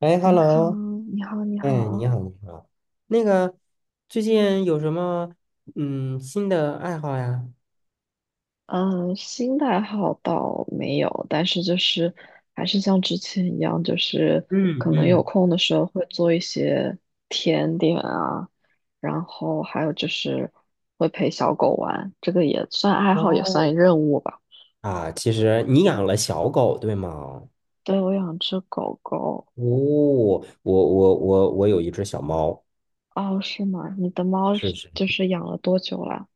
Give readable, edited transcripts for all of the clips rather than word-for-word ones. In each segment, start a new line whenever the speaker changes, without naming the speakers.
哎
你好，
，hello，
你好，你
哎，你
好。
好，你好。那个，最近有什么新的爱好呀？
嗯，新的爱好倒没有，但是就是还是像之前一样，就是
嗯
可能有
嗯。
空的时候会做一些甜点啊，然后还有就是会陪小狗玩，这个也算爱
哇
好，也算
哦！
任务吧。
啊，其实你养了小狗，对吗？哦，
对，我养只狗狗。
我有一只小猫。
哦，是吗？你的猫
是
是
是。
就是养了多久了？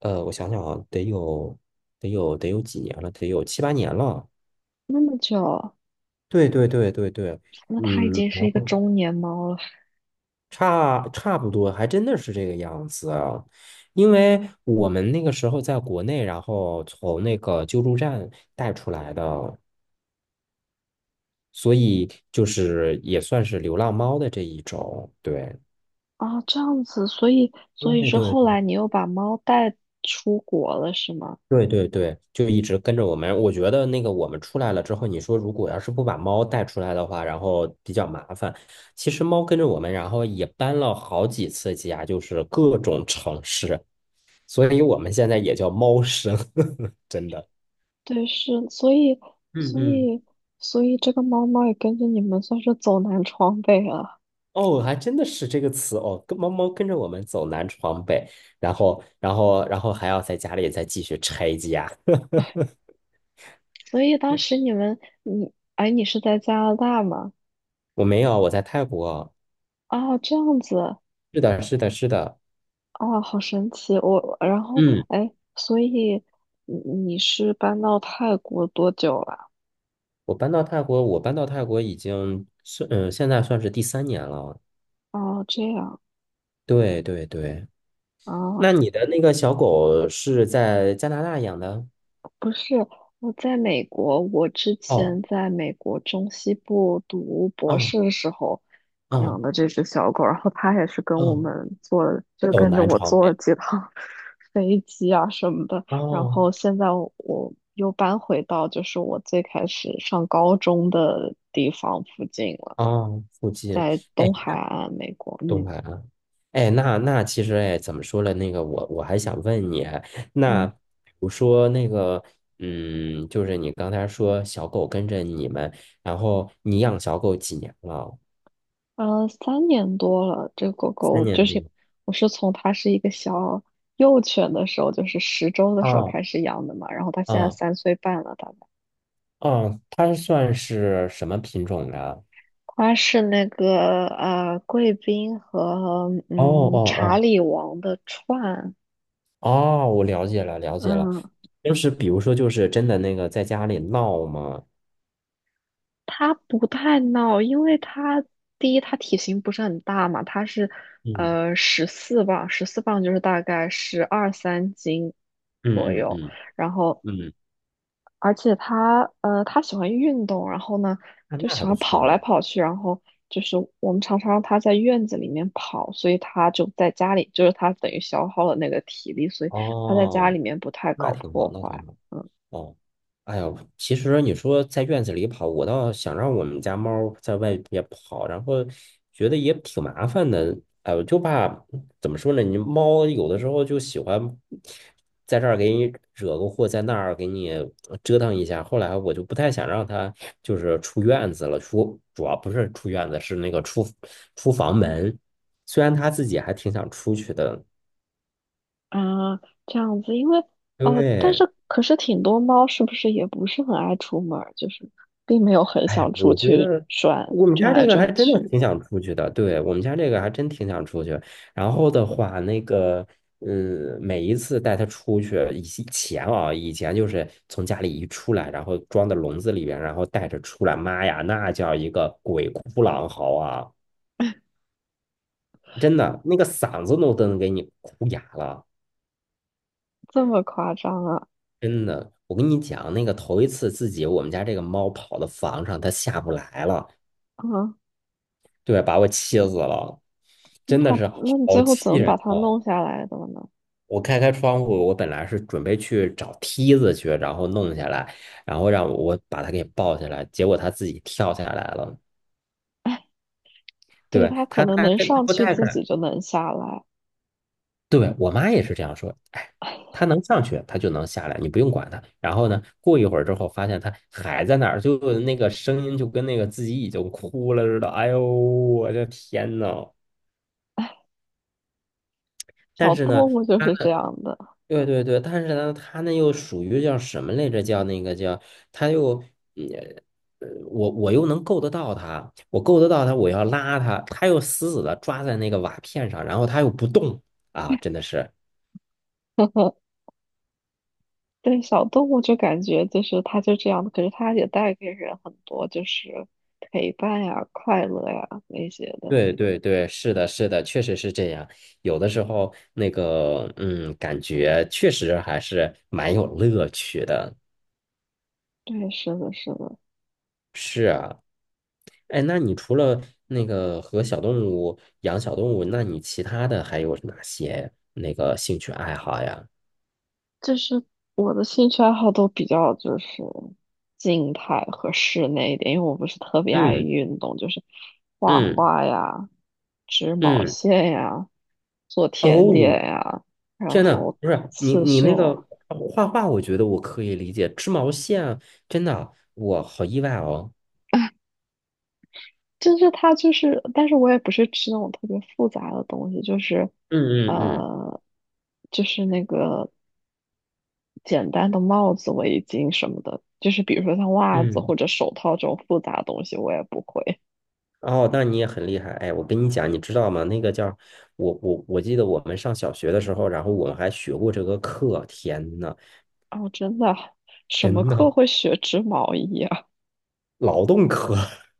我想想啊，得有几年了，得有七八年了。
那么久，
对对对对对。
那它已
嗯，
经是
然
一个
后。
中年猫了。
差不多，还真的是这个样子啊。因为我们那个时候在国内，然后从那个救助站带出来的，所以就是也算是流浪猫的这一种。对。
啊，这样子，所以所以
对
是后
对
来你又把猫带出国了，是吗？
对对对，就一直跟着我们。我觉得那个我们出来了之后，你说如果要是不把猫带出来的话，然后比较麻烦。其实猫跟着我们，然后也搬了好几次家，就是各种城市。所以我们现在也叫猫生，真的。
对，是，
嗯
所
嗯。
以所以这个猫猫也跟着你们算是走南闯北了。
哦，还真的是这个词哦，跟猫猫跟着我们走南闯北，然后还要在家里再继续拆家。
所以当时你们，你，哎，你是在加拿大吗？
我没有，我在泰国。
啊，这样子，
是的，是的，是的。
啊，好神奇。我，然后，
嗯，
哎，所以你是搬到泰国多久了？
我搬到泰国已经是现在算是第三年了。
哦，这样
对对对。那
啊，
你的那个小狗是在加拿大养的？
不是，我在美国，我之前
哦
在美国中西部读博
哦
士的时候养
哦
的这只小狗，然后它也是跟我
哦，
们坐了，就
走
跟着
南
我
闯
坐了
北。
几趟 飞机啊什么的。然
哦
后现在我又搬回到就是我最开始上高中的地方附近了，
哦，附近。
在
哎，
东海岸美国。
东
嗯
海啊。哎，那那其实，哎，怎么说了？那个我还想问你，那
嗯。
比如说那个，就是你刚才说小狗跟着你们，然后你养小狗几年了？
3年多了，这个狗
三
狗就
年
是
多。
我是从它是一个小幼犬的时候，就是10周的时候
哦
开始养的嘛，然后它现在
哦
3岁半了，大概。
哦，它算是什么品种的？
它是那个贵宾和
哦哦
查
哦
理王的串，
哦，我了解了，
嗯，
就是比如说就是真的那个在家里闹吗？
它不太闹，因为它第一它体型不是很大嘛，它是
嗯
十四磅，十四磅就是大概十二三斤左
嗯嗯
右，
嗯
然后。
嗯。
而且它喜欢运动，然后呢，
那
就
那
喜
还不
欢跑
错呀。
来跑去，然后就是我们常常让它在院子里面跑，所以它就在家里，就是它等于消耗了那个体力，所以它在家里
哦，
面不太
那
搞
挺好，
破
那挺
坏。
好。
嗯
哦，哎呦，其实你说在院子里跑，我倒想让我们家猫在外边跑，然后觉得也挺麻烦的。哎，我就怕怎么说呢？你猫有的时候就喜欢在这儿给你惹个祸，在那儿给你折腾一下。后来我就不太想让它就是出院子了，主要不是出院子，是那个出房门。虽然它自己还挺想出去的。
啊，这样子，但
对。
是可是挺多猫是不是也不是很爱出门儿，就是并没有很
哎呀，
想出
我觉
去
得
转
我们
转
家这
来
个还
转
真的
去，
挺想出去的，对，我们家这个还真挺想出去。然后的话，那个，每一次带它出去，以前就是从家里一出来，然后装到笼子里边，然后带着出来，妈呀，那叫一个鬼哭狼嚎啊！真的，那个嗓子都能给你哭哑了。
这么夸张啊？
真的，我跟你讲，那个头一次自己我们家这个猫跑到房上，它下不来了。
啊，
对，把我气死了。
那
真的
他
是
那你
好
最后怎
气
么把
人
它
哦！
弄下来的呢？
我开开窗户，我本来是准备去找梯子去，然后弄下来，然后让我把他给抱下来，结果他自己跳下来了。
对，
对，
它可
他，
能
他
能
他他
上
不
去，
太
自己
敢。
就能下来。
对，我妈也是这样说，哎，他能上去，他就能下来，你不用管他。然后呢，过一会儿之后，发现他还在那儿，就那个声音就跟那个自己已经哭了似的。哎呦，我的天呐！但
小
是
动
呢。
物就是这样的，
对对对，但是呢，他那又属于叫什么来着？叫那个叫，他又，嗯我又能够得到他，我够得到他，我要拉他，他又死死的抓在那个瓦片上，然后他又不动啊，真的是，
对，小动物就感觉就是它就这样的，可是它也带给人很多就是陪伴呀、快乐呀那些的。
对对对，是的，是的，确实是这样。有的时候那个，感觉确实还是蛮有乐趣的。
对，是的，是的，
是啊。哎，那你除了那个和小动物养小动物，那你其他的还有哪些那个兴趣爱好呀？
就是我的兴趣爱好都比较就是静态和室内一点，因为我不是特别爱
嗯
运动，就是画
嗯
画呀、织毛
嗯。
线呀、做甜
哦，
点呀，然
天呐，
后
不是你
刺
你那
绣
个
啊。
画画，我觉得我可以理解，织毛线啊，真的，我好意外哦。
就是它就是，但是我也不是吃那种特别复杂的东西，就是，
嗯嗯嗯
呃，就是那个简单的帽子、围巾什么的，就是比如说像袜子
嗯。
或者手套这种复杂的东西，我也不会。
哦，那你也很厉害。哎，我跟你讲，你知道吗？那个叫我记得我们上小学的时候，然后我们还学过这个课。天呐，
哦，真的，什么
真
课
的
会学织毛衣啊？
劳动课。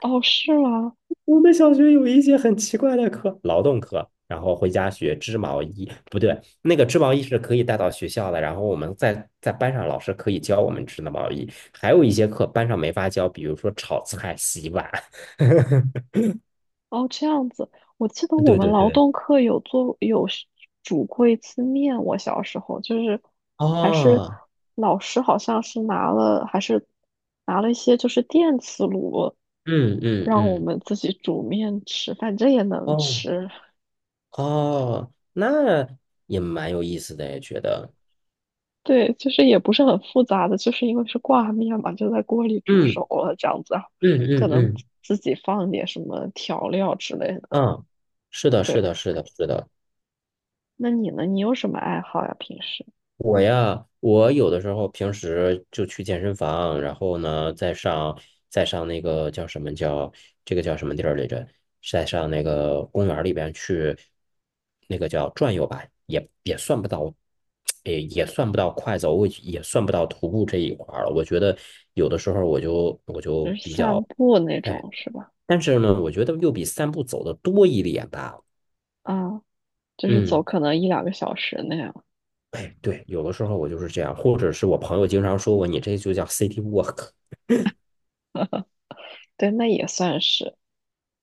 哦，是吗？
我们小学有一节很奇怪的课，劳动课，然后回家学织毛衣，不对，那个织毛衣是可以带到学校的，然后我们在班上老师可以教我们织的毛衣，还有一些课班上没法教，比如说炒菜、洗碗。
哦，这样子，我记得我
对
们
对
劳
对。
动课有做有是煮过一次面，我小时候就是还是
哦。
老师好像是拿了一些就是电磁炉，
嗯嗯
让我
嗯。
们自己煮面吃，反正也能
哦
吃。
哦，那也蛮有意思的，也觉得，
对，就是也不是很复杂的，就是因为是挂面嘛，就在锅里煮熟
嗯
了这样子，然后
嗯
可
嗯
能
嗯
自己放点什么调料之类的。
嗯，是的，
对，
是的，是的，是的。
那你呢？你有什么爱好呀？平时？
我呀，我有的时候平时就去健身房，然后呢，再上那个叫什么叫这个叫什么地儿来着？再上那个公园儿里边去，那个叫转悠吧，也算不到，也算不到快走，我也算不到徒步这一块儿了。我觉得有的时候我就
就是
比
散
较
步那
哎，
种是吧？
但是呢，我觉得又比散步走的多一点吧。
啊，就是走
嗯。
可能一两个小时那样。
哎，对，有的时候我就是这样，或者是我朋友经常说我，你这就叫 city walk。
对，那也算是，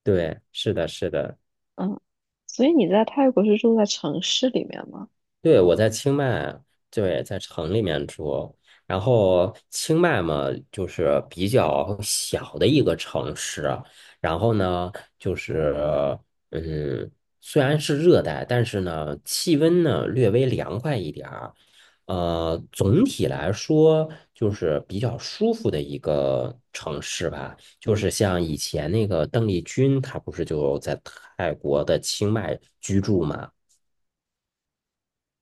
对，是的，是的。
嗯。所以你在泰国是住在城市里面吗？
对，我在清迈。对，在城里面住。然后清迈嘛，就是比较小的一个城市。然后呢，就是嗯，虽然是热带，但是呢，气温呢略微凉快一点儿。总体来说就是比较舒服的一个城市吧。就是像以前那个邓丽君，她不是就在泰国的清迈居住嘛？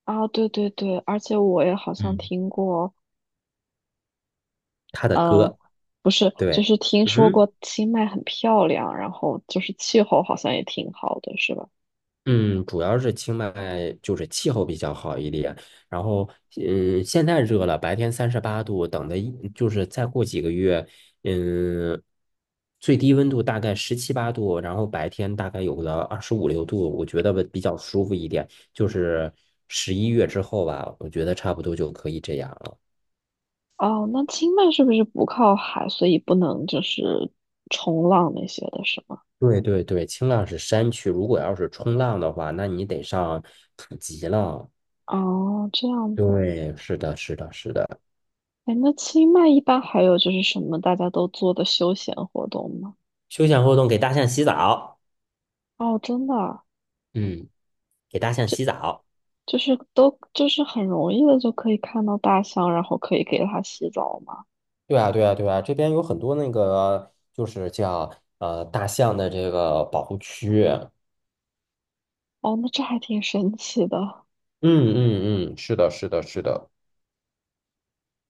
啊，对对对，而且我也好像
嗯，
听过，
她的
呃，
歌。
不是，就
对。
是听说
嗯
过清迈很漂亮，然后就是气候好像也挺好的，是吧？
嗯，主要是清迈就是气候比较好一点，然后现在热了，白天38度，等的就是再过几个月，嗯，最低温度大概十七八度，然后白天大概有个二十五六度，我觉得比较舒服一点，就是11月之后吧，我觉得差不多就可以这样了。
哦，那清迈是不是不靠海，所以不能就是冲浪那些的，是吗？
对对对，清浪是山区，如果要是冲浪的话，那你得上普吉了。
哦，这样
对，是的，是的，是的。
哎，那清迈一般还有就是什么大家都做的休闲活动吗？
休闲活动给大象洗澡。
哦，真的啊
嗯。给大象洗澡。
就是都就是很容易的就可以看到大象，然后可以给它洗澡吗？
对啊，对啊，对啊，这边有很多那个，就是叫大象的这个保护区。嗯
哦，那这还挺神奇的。
嗯嗯，是的，是的，是的，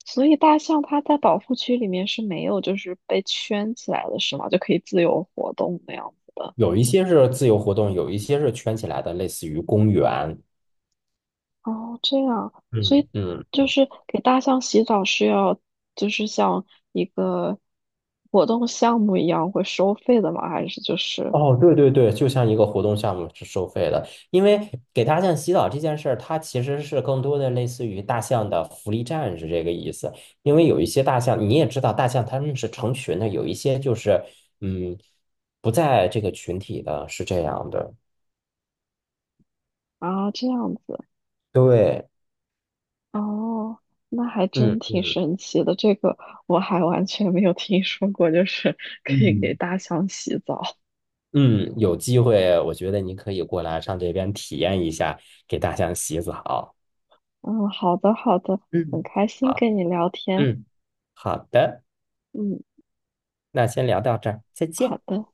所以大象它在保护区里面是没有就是被圈起来的是吗？就可以自由活动那样子的。
有一些是自由活动，有一些是圈起来的，类似于公园。
哦，这样，所
嗯。
以
嗯。
就是给大象洗澡是要就是像一个活动项目一样会收费的吗？还是就是？
哦，对对对，就像一个活动项目是收费的，因为给大象洗澡这件事儿，它其实是更多的类似于大象的福利站是这个意思。因为有一些大象，你也知道，大象它们是成群的，有一些就是嗯不在这个群体的，是这样的。
啊，这样子
对。
哦，那还真
嗯
挺
嗯
神奇的。这个我还完全没有听说过，就是 可以给
嗯
大象洗澡。
嗯，有机会我觉得你可以过来上这边体验一下给大象洗澡。
嗯，好的，好的，很
嗯，
开心
好，
跟你聊天。
嗯，好的，
嗯，
那先聊到这儿，再
好
见。
的。